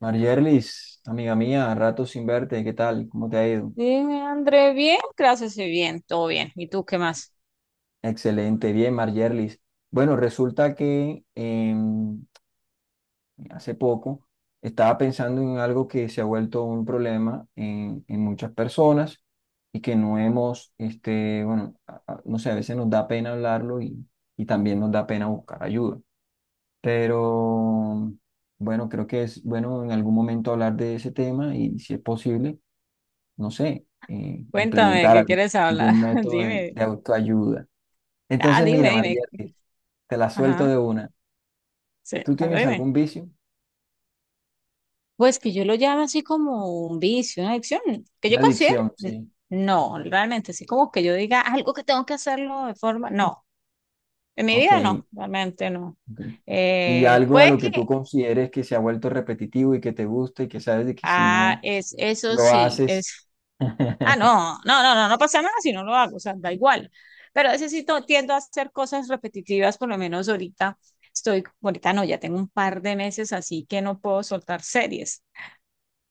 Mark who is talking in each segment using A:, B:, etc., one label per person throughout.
A: Marjerlis, amiga mía, rato sin verte, ¿qué tal? ¿Cómo te ha ido?
B: Dime, André, bien, gracias, y bien, todo bien. ¿Y tú qué más?
A: Excelente, bien, Marjerlis. Bueno, resulta que hace poco estaba pensando en algo que se ha vuelto un problema en muchas personas y que no hemos, este, bueno, no sé, a veces nos da pena hablarlo y también nos da pena buscar ayuda. Pero bueno, creo que es bueno en algún momento hablar de ese tema y si es posible no sé,
B: Cuéntame,
A: implementar
B: ¿qué quieres hablar?
A: algún método
B: Dime.
A: de autoayuda.
B: Ah,
A: Entonces, mira,
B: dime, dime.
A: María, te la suelto
B: Ajá,
A: de una.
B: sí,
A: ¿Tú
B: ahora
A: tienes
B: dime.
A: algún vicio?
B: Pues que yo lo llamo así como un vicio, una adicción, que
A: Una
B: yo considero.
A: adicción, sí.
B: No, realmente, así como que yo diga algo que tengo que hacerlo de forma. No, en mi
A: Ok.
B: vida no, realmente no.
A: Ok. Y algo a
B: Puede
A: lo
B: que,
A: que tú consideres que se ha vuelto repetitivo y que te gusta y que sabes de que si
B: ah,
A: no
B: es, eso
A: lo
B: sí,
A: haces...
B: es. Ah, no, no, no, no, no pasa nada si no lo hago, o sea, da igual. Pero a veces sí tiendo a hacer cosas repetitivas, por lo menos ahorita estoy, ahorita no, ya tengo un par de meses así que no puedo soltar series.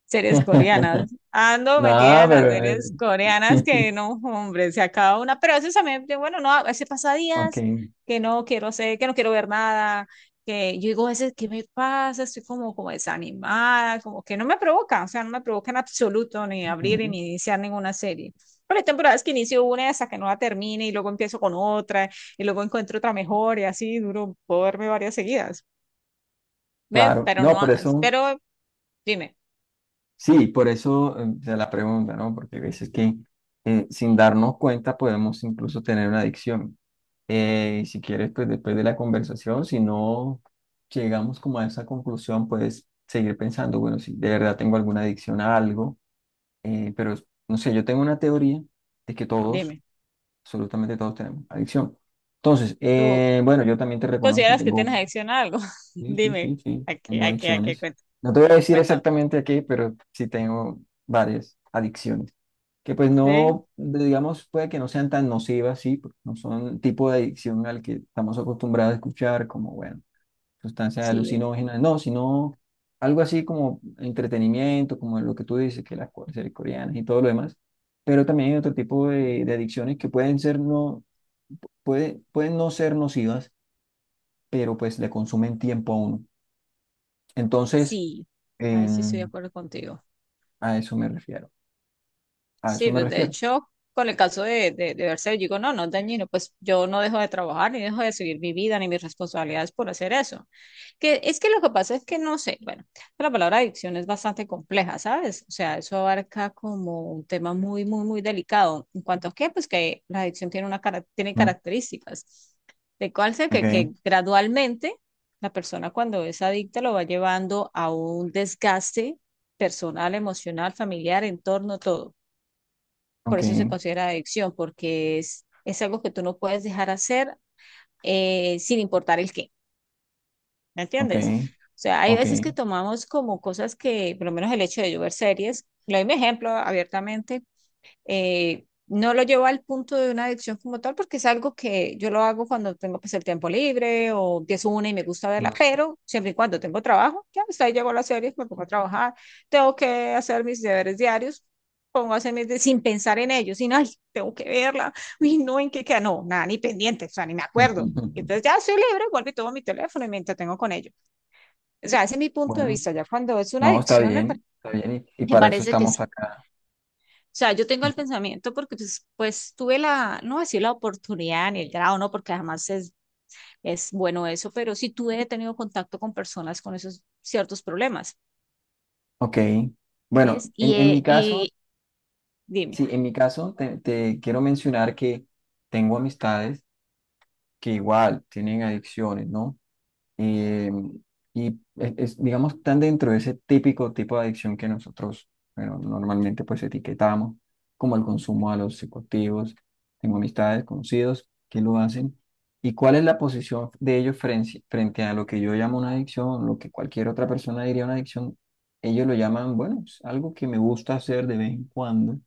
B: Series coreanas. Ando
A: No,
B: metida en las
A: pero...
B: series coreanas
A: eh,
B: que no, hombre, se acaba una. Pero a veces también, bueno, no, a veces pasa
A: Ok.
B: días que no quiero ser, que no quiero ver nada, que yo digo a veces, ¿qué me pasa? Estoy como, como desanimada, como que no me provoca, o sea, no me provoca en absoluto ni abrir
A: Ujú.
B: ni iniciar ninguna serie. Pero hay temporadas que inicio una hasta que no la termine y luego empiezo con otra y luego encuentro otra mejor y así duro, puedo verme varias seguidas. ¿Ves?
A: Claro.
B: Pero
A: No,
B: no,
A: por eso...
B: pero dime,
A: Sí, por eso se la pregunta, ¿no? Porque a veces que sin darnos cuenta podemos incluso tener una adicción. Y si quieres, pues después de la conversación, si no llegamos como a esa conclusión, puedes seguir pensando, bueno, si de verdad tengo alguna adicción a algo, pero no sé, yo tengo una teoría de que todos,
B: dime.
A: absolutamente todos tenemos adicción. Entonces,
B: ¿Tú
A: bueno, yo también te
B: ¿Tú
A: reconozco,
B: consideras que
A: tengo...
B: tienes adicción a algo?
A: Sí, sí,
B: Dime,
A: sí, sí.
B: ¿a qué,
A: Tengo
B: a qué, a qué?
A: adicciones. No te voy a decir
B: Cuéntame.
A: exactamente aquí, pero sí tengo varias adicciones. Que pues
B: Sí,
A: no, digamos, puede que no sean tan nocivas, sí, porque no son el tipo de adicción al que estamos acostumbrados a escuchar, como, bueno, sustancias
B: sí,
A: alucinógenas, no, sino algo así como entretenimiento, como lo que tú dices, que las cosas coreanas y todo lo demás. Pero también hay otro tipo de adicciones que pueden ser no, pueden no ser nocivas, pero pues le consumen tiempo a uno. Entonces,
B: sí. A ver si estoy de
A: Em,
B: acuerdo contigo.
A: a eso me refiero. A eso
B: Sí,
A: me
B: pues, de
A: refiero.
B: hecho, con el caso de verse, digo, no, no es dañino, pues yo no dejo de trabajar, ni dejo de seguir mi vida, ni mis responsabilidades por hacer eso. Que es que lo que pasa es que no sé, bueno, la palabra adicción es bastante compleja, ¿sabes? O sea, eso abarca como un tema muy, muy, muy delicado. En cuanto a qué, pues que la adicción tiene una tiene
A: Mm,
B: características. De cual sea
A: ok,
B: que gradualmente la persona cuando es adicta lo va llevando a un desgaste personal, emocional, familiar, entorno, todo por
A: ok,
B: eso se considera adicción, porque es algo que tú no puedes dejar hacer, sin importar el qué, ¿me
A: ok,
B: entiendes? O sea, hay
A: ok.
B: veces que tomamos como cosas que, por lo menos el hecho de yo ver series, le doy mi ejemplo abiertamente. No lo llevo al punto de una adicción como tal, porque es algo que yo lo hago cuando tengo pues, el tiempo libre o empiezo una y me gusta verla,
A: Mm.
B: pero siempre y cuando tengo trabajo, ya hasta ahí llego a las series, me pongo a trabajar, tengo que hacer mis deberes diarios, pongo a hacer mis sin pensar en ellos, sin, ay, tengo que verla, uy, no, en qué queda, no, nada, ni pendiente, o sea, ni me acuerdo. Y entonces ya soy libre, vuelvo y tomo mi teléfono y me entretengo con ello. O sea, ese es mi punto de
A: Bueno,
B: vista. Ya cuando es una
A: no, está
B: adicción,
A: bien, está bien. Y
B: me
A: para eso
B: parece que es,
A: estamos acá.
B: o sea, yo tengo el pensamiento porque pues tuve la, no voy a decir la oportunidad ni el grado, no, porque además es bueno eso, pero sí tuve, he tenido contacto con personas con esos ciertos problemas.
A: Ok. Bueno,
B: ¿Ves? Y,
A: en mi
B: eh,
A: caso,
B: y dime.
A: sí, en mi caso te quiero mencionar que tengo amistades que igual tienen adicciones, ¿no? Eh, y es, digamos, están dentro de ese típico tipo de adicción que nosotros, bueno, normalmente pues etiquetamos, como el consumo a los psicoactivos. Tengo amistades, conocidos que lo hacen. ¿Y cuál es la posición de ellos frente a lo que yo llamo una adicción, lo que cualquier otra persona diría una adicción? Ellos lo llaman, bueno, es algo que me gusta hacer de vez en cuando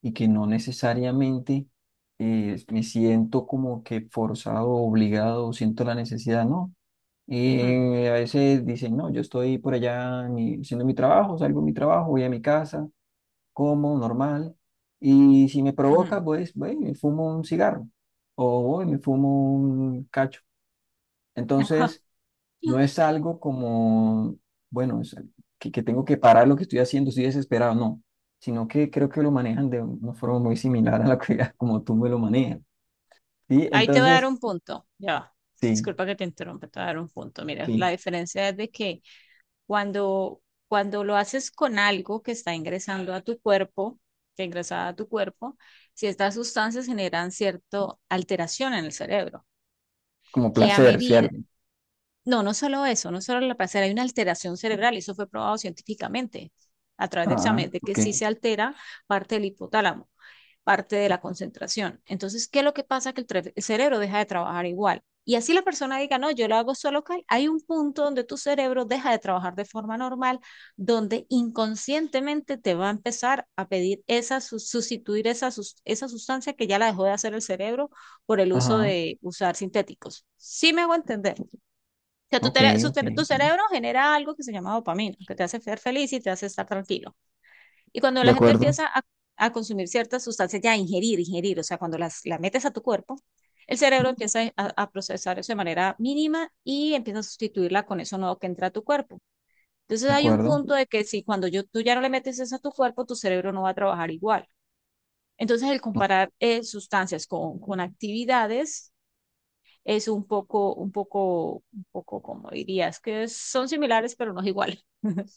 A: y que no necesariamente me siento como que forzado, obligado, siento la necesidad, ¿no?
B: Mm,
A: Y a veces dicen, no, yo estoy por allá en mi- haciendo mi trabajo, salgo de mi trabajo, voy a mi casa, como normal, y si me
B: ujú.
A: provoca, pues, voy y me fumo un cigarro o voy y me fumo un cacho. Entonces, no es algo como, bueno, es que tengo que parar lo que estoy haciendo, estoy desesperado, no, sino que creo que lo manejan de una forma muy similar a la que como tú me lo manejas. ¿Sí?
B: Ahí te voy a dar
A: Entonces,
B: un punto, ya, va.
A: sí,
B: Disculpa que te interrumpa, te voy a dar un punto. Mira,
A: sí,
B: la diferencia es de que, Cuando, cuando lo haces con algo que está ingresando a tu cuerpo, que ingresa a tu cuerpo, ciertas sustancias generan cierta alteración en el cerebro,
A: como
B: que a
A: placer,
B: medida,
A: ¿cierto?
B: no, no solo eso, no solo la placer, hay una alteración cerebral, y eso fue probado científicamente a través de
A: Ah,
B: exámenes, de que
A: ok.
B: sí se altera parte del hipotálamo, parte de la concentración. Entonces, ¿qué es lo que pasa? Que el cerebro deja de trabajar igual. Y así la persona diga, no, yo lo hago solo cal. Hay un punto donde tu cerebro deja de trabajar de forma normal, donde inconscientemente te va a empezar a pedir esa, sustituir esa, esa sustancia que ya la dejó de hacer el cerebro por el uso
A: Ajá,
B: de usar sintéticos. Sí me hago entender. O sea, tu,
A: ok, ok.
B: tu
A: Ok.
B: cerebro genera algo que se llama dopamina, que te hace ser feliz y te hace estar tranquilo. Y cuando
A: De
B: la gente
A: acuerdo,
B: empieza a consumir ciertas sustancias, ya ingerir, ingerir, o sea, cuando las metes a tu cuerpo, el cerebro empieza a procesar eso de manera mínima y empieza a sustituirla con eso nuevo que entra a tu cuerpo. Entonces
A: de
B: hay un
A: acuerdo.
B: punto de que si cuando yo, tú ya no le metes eso a tu cuerpo, tu cerebro no va a trabajar igual. Entonces el
A: Ok.
B: comparar sustancias con actividades es un poco, un poco, un poco, como dirías, que son similares pero no es igual.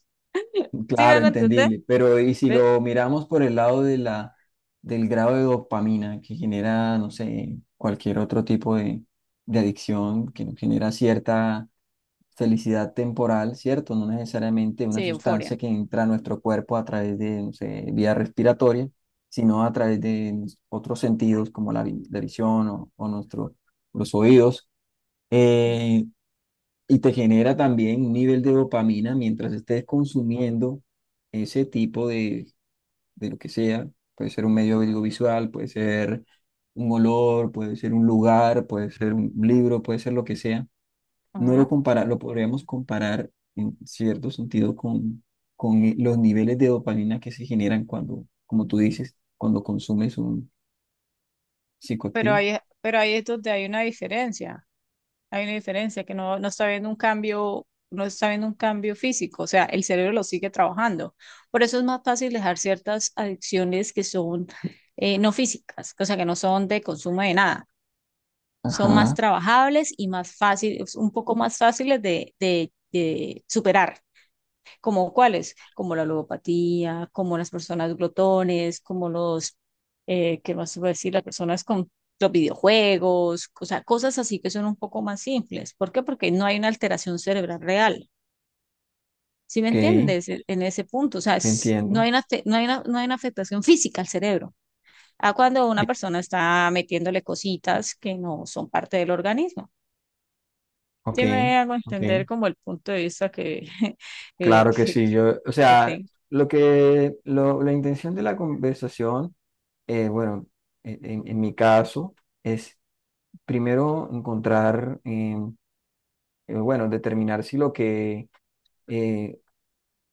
B: ¿Sí me
A: Claro,
B: hago entender?
A: entendible, pero y si lo miramos por el lado de la, del grado de dopamina que genera, no sé, cualquier otro tipo de adicción que nos genera cierta felicidad temporal, ¿cierto? No necesariamente una
B: Sí,
A: sustancia
B: euforia.
A: que entra a nuestro cuerpo a través de, no sé, vía respiratoria, sino a través de otros sentidos como la, vi- la visión o nuestro, los oídos.
B: Sí.
A: Eh, y te genera también un nivel de dopamina mientras estés consumiendo ese tipo de lo que sea. Puede ser un medio audiovisual, puede ser un olor, puede ser un lugar, puede ser un libro, puede ser lo que sea.
B: Uh
A: No lo
B: -huh.
A: compara, lo podríamos comparar en cierto sentido con, los niveles de dopamina que se generan cuando, como tú dices, cuando consumes un
B: Pero
A: psicoactivo.
B: ahí, pero ahí es donde hay una diferencia que no, no está viendo un cambio, no está viendo un cambio físico, o sea, el cerebro lo sigue trabajando. Por eso es más fácil dejar ciertas adicciones que son, no físicas, o sea, que no son de consumo de nada, son más
A: Ajá,
B: trabajables y más fáciles, un poco más fáciles de superar, como cuáles, como la logopatía, como las personas glotones, como los, ¿qué más iba a decir? Las personas con los videojuegos, o sea, cosas así que son un poco más simples. ¿Por qué? Porque no hay una alteración cerebral real. ¿Sí me
A: ok,
B: entiendes? En ese punto, o sea,
A: te
B: no
A: entiendo.
B: hay una, no hay una, no hay una afectación física al cerebro. A cuando una
A: Bien,
B: persona está metiéndole cositas que no son parte del organismo.
A: ok,
B: Sí me hago
A: ok.
B: entender como el punto de vista que, que,
A: Claro que
B: que,
A: sí, yo, o
B: que
A: sea,
B: tengo.
A: lo que, lo- la intención de la conversación, bueno, en mi caso, es primero encontrar, bueno, determinar si lo que, eh,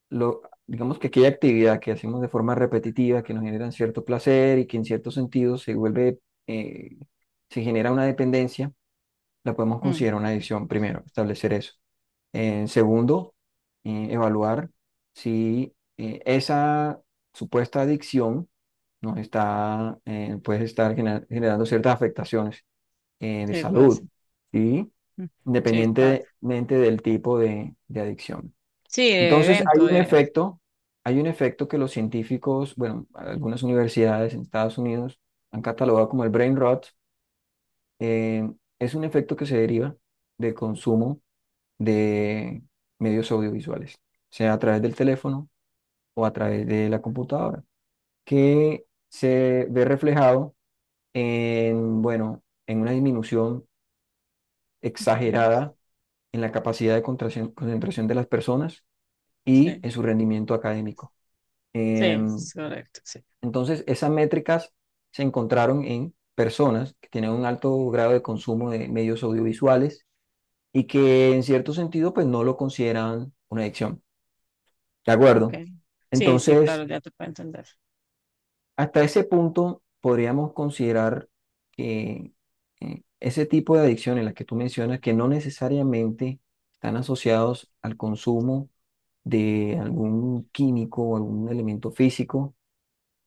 A: lo, digamos que aquella actividad que hacemos de forma repetitiva, que nos genera cierto placer y que en cierto sentido se vuelve, eh, se genera una dependencia la podemos
B: Mm,
A: considerar una adicción, primero, establecer eso. Segundo, evaluar si esa supuesta adicción nos está, puede estar gener- generando ciertas afectaciones de
B: sí, puede
A: salud,
B: ser.
A: ¿sí?
B: Mm, sí, claro.
A: Independientemente del tipo de adicción.
B: Sí, de
A: Entonces,
B: evento.
A: hay un efecto que los científicos, bueno, algunas universidades en Estados Unidos han catalogado como el brain rot. Eh, es un efecto que se deriva del consumo de medios audiovisuales, sea a través del teléfono o a través de la computadora, que se ve reflejado en, bueno, en una disminución
B: Mm,
A: exagerada en la capacidad de contracción- concentración de las personas y
B: sí,
A: en su rendimiento académico.
B: sí,
A: Em,
B: es correcto, sí.
A: entonces, esas métricas se encontraron en personas que tienen un alto grado de consumo de medios audiovisuales y que en cierto sentido pues no lo consideran una adicción. ¿De
B: Ok.
A: acuerdo?
B: Sí, sí,
A: Entonces,
B: claro, ya te puedo entender.
A: hasta ese punto podríamos considerar que ese tipo de adicciones, las que tú mencionas, que no necesariamente están asociados al consumo de algún químico o algún elemento físico,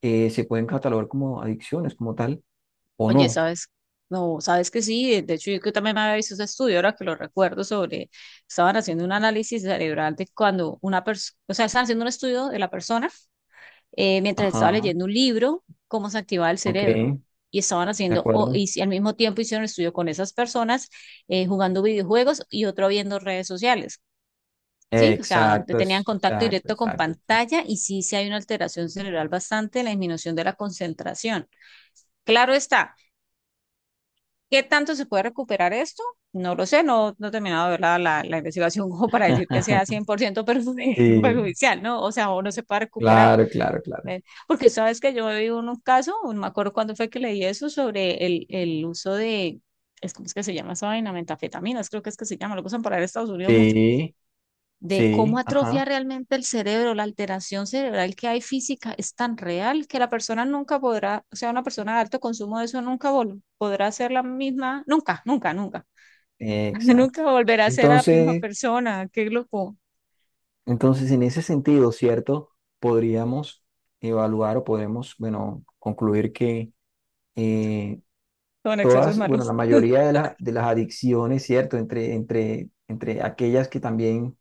A: se pueden catalogar como adicciones como tal o
B: Oye,
A: no.
B: ¿sabes? No, ¿sabes que sí? De hecho, yo que también había visto ese estudio, ahora que lo recuerdo, sobre, estaban haciendo un análisis cerebral de cuando una persona, o sea, estaban haciendo un estudio de la persona, mientras estaba
A: Ajá,
B: leyendo un libro, cómo se activaba el
A: ok,
B: cerebro. Y estaban
A: de
B: haciendo,
A: acuerdo.
B: y al mismo tiempo hicieron un estudio con esas personas, jugando videojuegos y otro viendo redes sociales. Sí, o sea, donde
A: Exacto,
B: tenían
A: es-
B: contacto
A: exacto,
B: directo con
A: exacto. Exacto.
B: pantalla y sí, sí hay una alteración cerebral bastante en la disminución de la concentración. Claro está, ¿qué tanto se puede recuperar esto? No lo sé, no, no he terminado de ver la investigación como para decir que sea 100%
A: Sí,
B: perjudicial, ¿no? O sea, o no se puede recuperar.
A: claro, claro, claro.
B: ¿Ven? Porque sabes que yo vi un caso, no me acuerdo cuándo fue que leí eso, sobre el uso de, es, ¿cómo es que se llama esa vaina? Metanfetaminas, creo que es que se llama, lo que usan para ir a Estados Unidos mucho.
A: Sí,
B: De cómo
A: sí,
B: atrofia
A: ajá.
B: realmente el cerebro, la alteración cerebral que hay física es tan real que la persona nunca podrá, o sea, una persona de alto consumo de eso nunca podrá ser la misma, nunca, nunca, nunca,
A: Exacto.
B: nunca volverá a ser la misma
A: Entonces,
B: persona, qué loco,
A: entonces, en ese sentido, ¿cierto? Podríamos evaluar o podemos, bueno, concluir que eh,
B: con excesos
A: todas, bueno, la
B: malos.
A: mayoría de, la- de las adicciones, ¿cierto? Entre aquellas que también,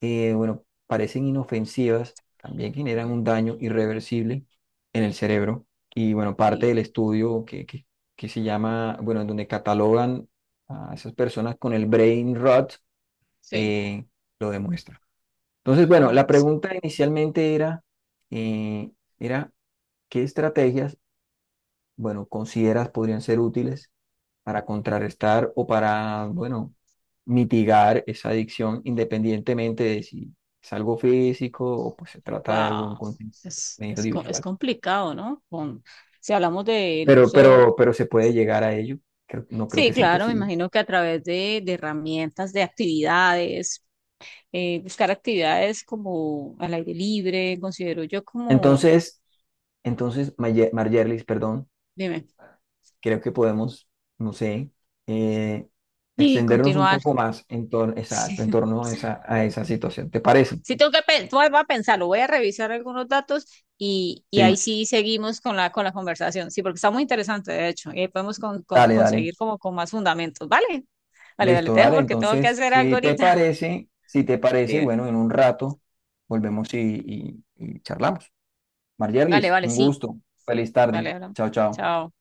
A: bueno, parecen inofensivas, también generan
B: Sí,
A: un daño irreversible en el cerebro. Y bueno, parte
B: sí,
A: del estudio que se llama, bueno, en donde catalogan a esas personas con el brain rot,
B: sí.
A: eh, lo demuestra. Entonces, bueno, la
B: Claro, sí.
A: pregunta inicialmente era, eh, era, ¿qué estrategias, bueno, consideras podrían ser útiles para contrarrestar o para, bueno, mitigar esa adicción independientemente de si es algo físico o pues se trata de algún
B: Wow,
A: contenido
B: es
A: audiovisual?
B: complicado, ¿no? Si hablamos del uso,
A: Pero se puede llegar a ello, creo- no creo que
B: sí,
A: sea
B: claro, me
A: imposible.
B: imagino que a través de herramientas, de actividades, buscar actividades como al aire libre, considero yo como,
A: Entonces, entonces, Maye- Margerlis, perdón.
B: dime,
A: Creo que podemos, no sé, eh,
B: sí
A: extendernos un
B: continuar.
A: poco más en torno,
B: Sí,
A: exacto, en torno a esa situación. ¿Te parece?
B: Sí tengo que, voy a pensarlo, voy a revisar algunos datos y
A: Sí,
B: ahí sí seguimos con la conversación, sí, porque está muy interesante, de hecho, y ahí podemos
A: dale, dale.
B: conseguir como con más fundamentos, ¿vale? Vale, vale,
A: Listo,
B: te dejo
A: dale.
B: porque tengo que
A: Entonces,
B: hacer algo
A: si te
B: ahorita.
A: parece, si te parece,
B: Dime.
A: bueno, en un rato volvemos y charlamos.
B: Vale,
A: Margerlis,
B: vale,
A: un
B: sí,
A: gusto. Feliz tarde.
B: vale, hablamos.
A: Chao, chao.
B: Chao.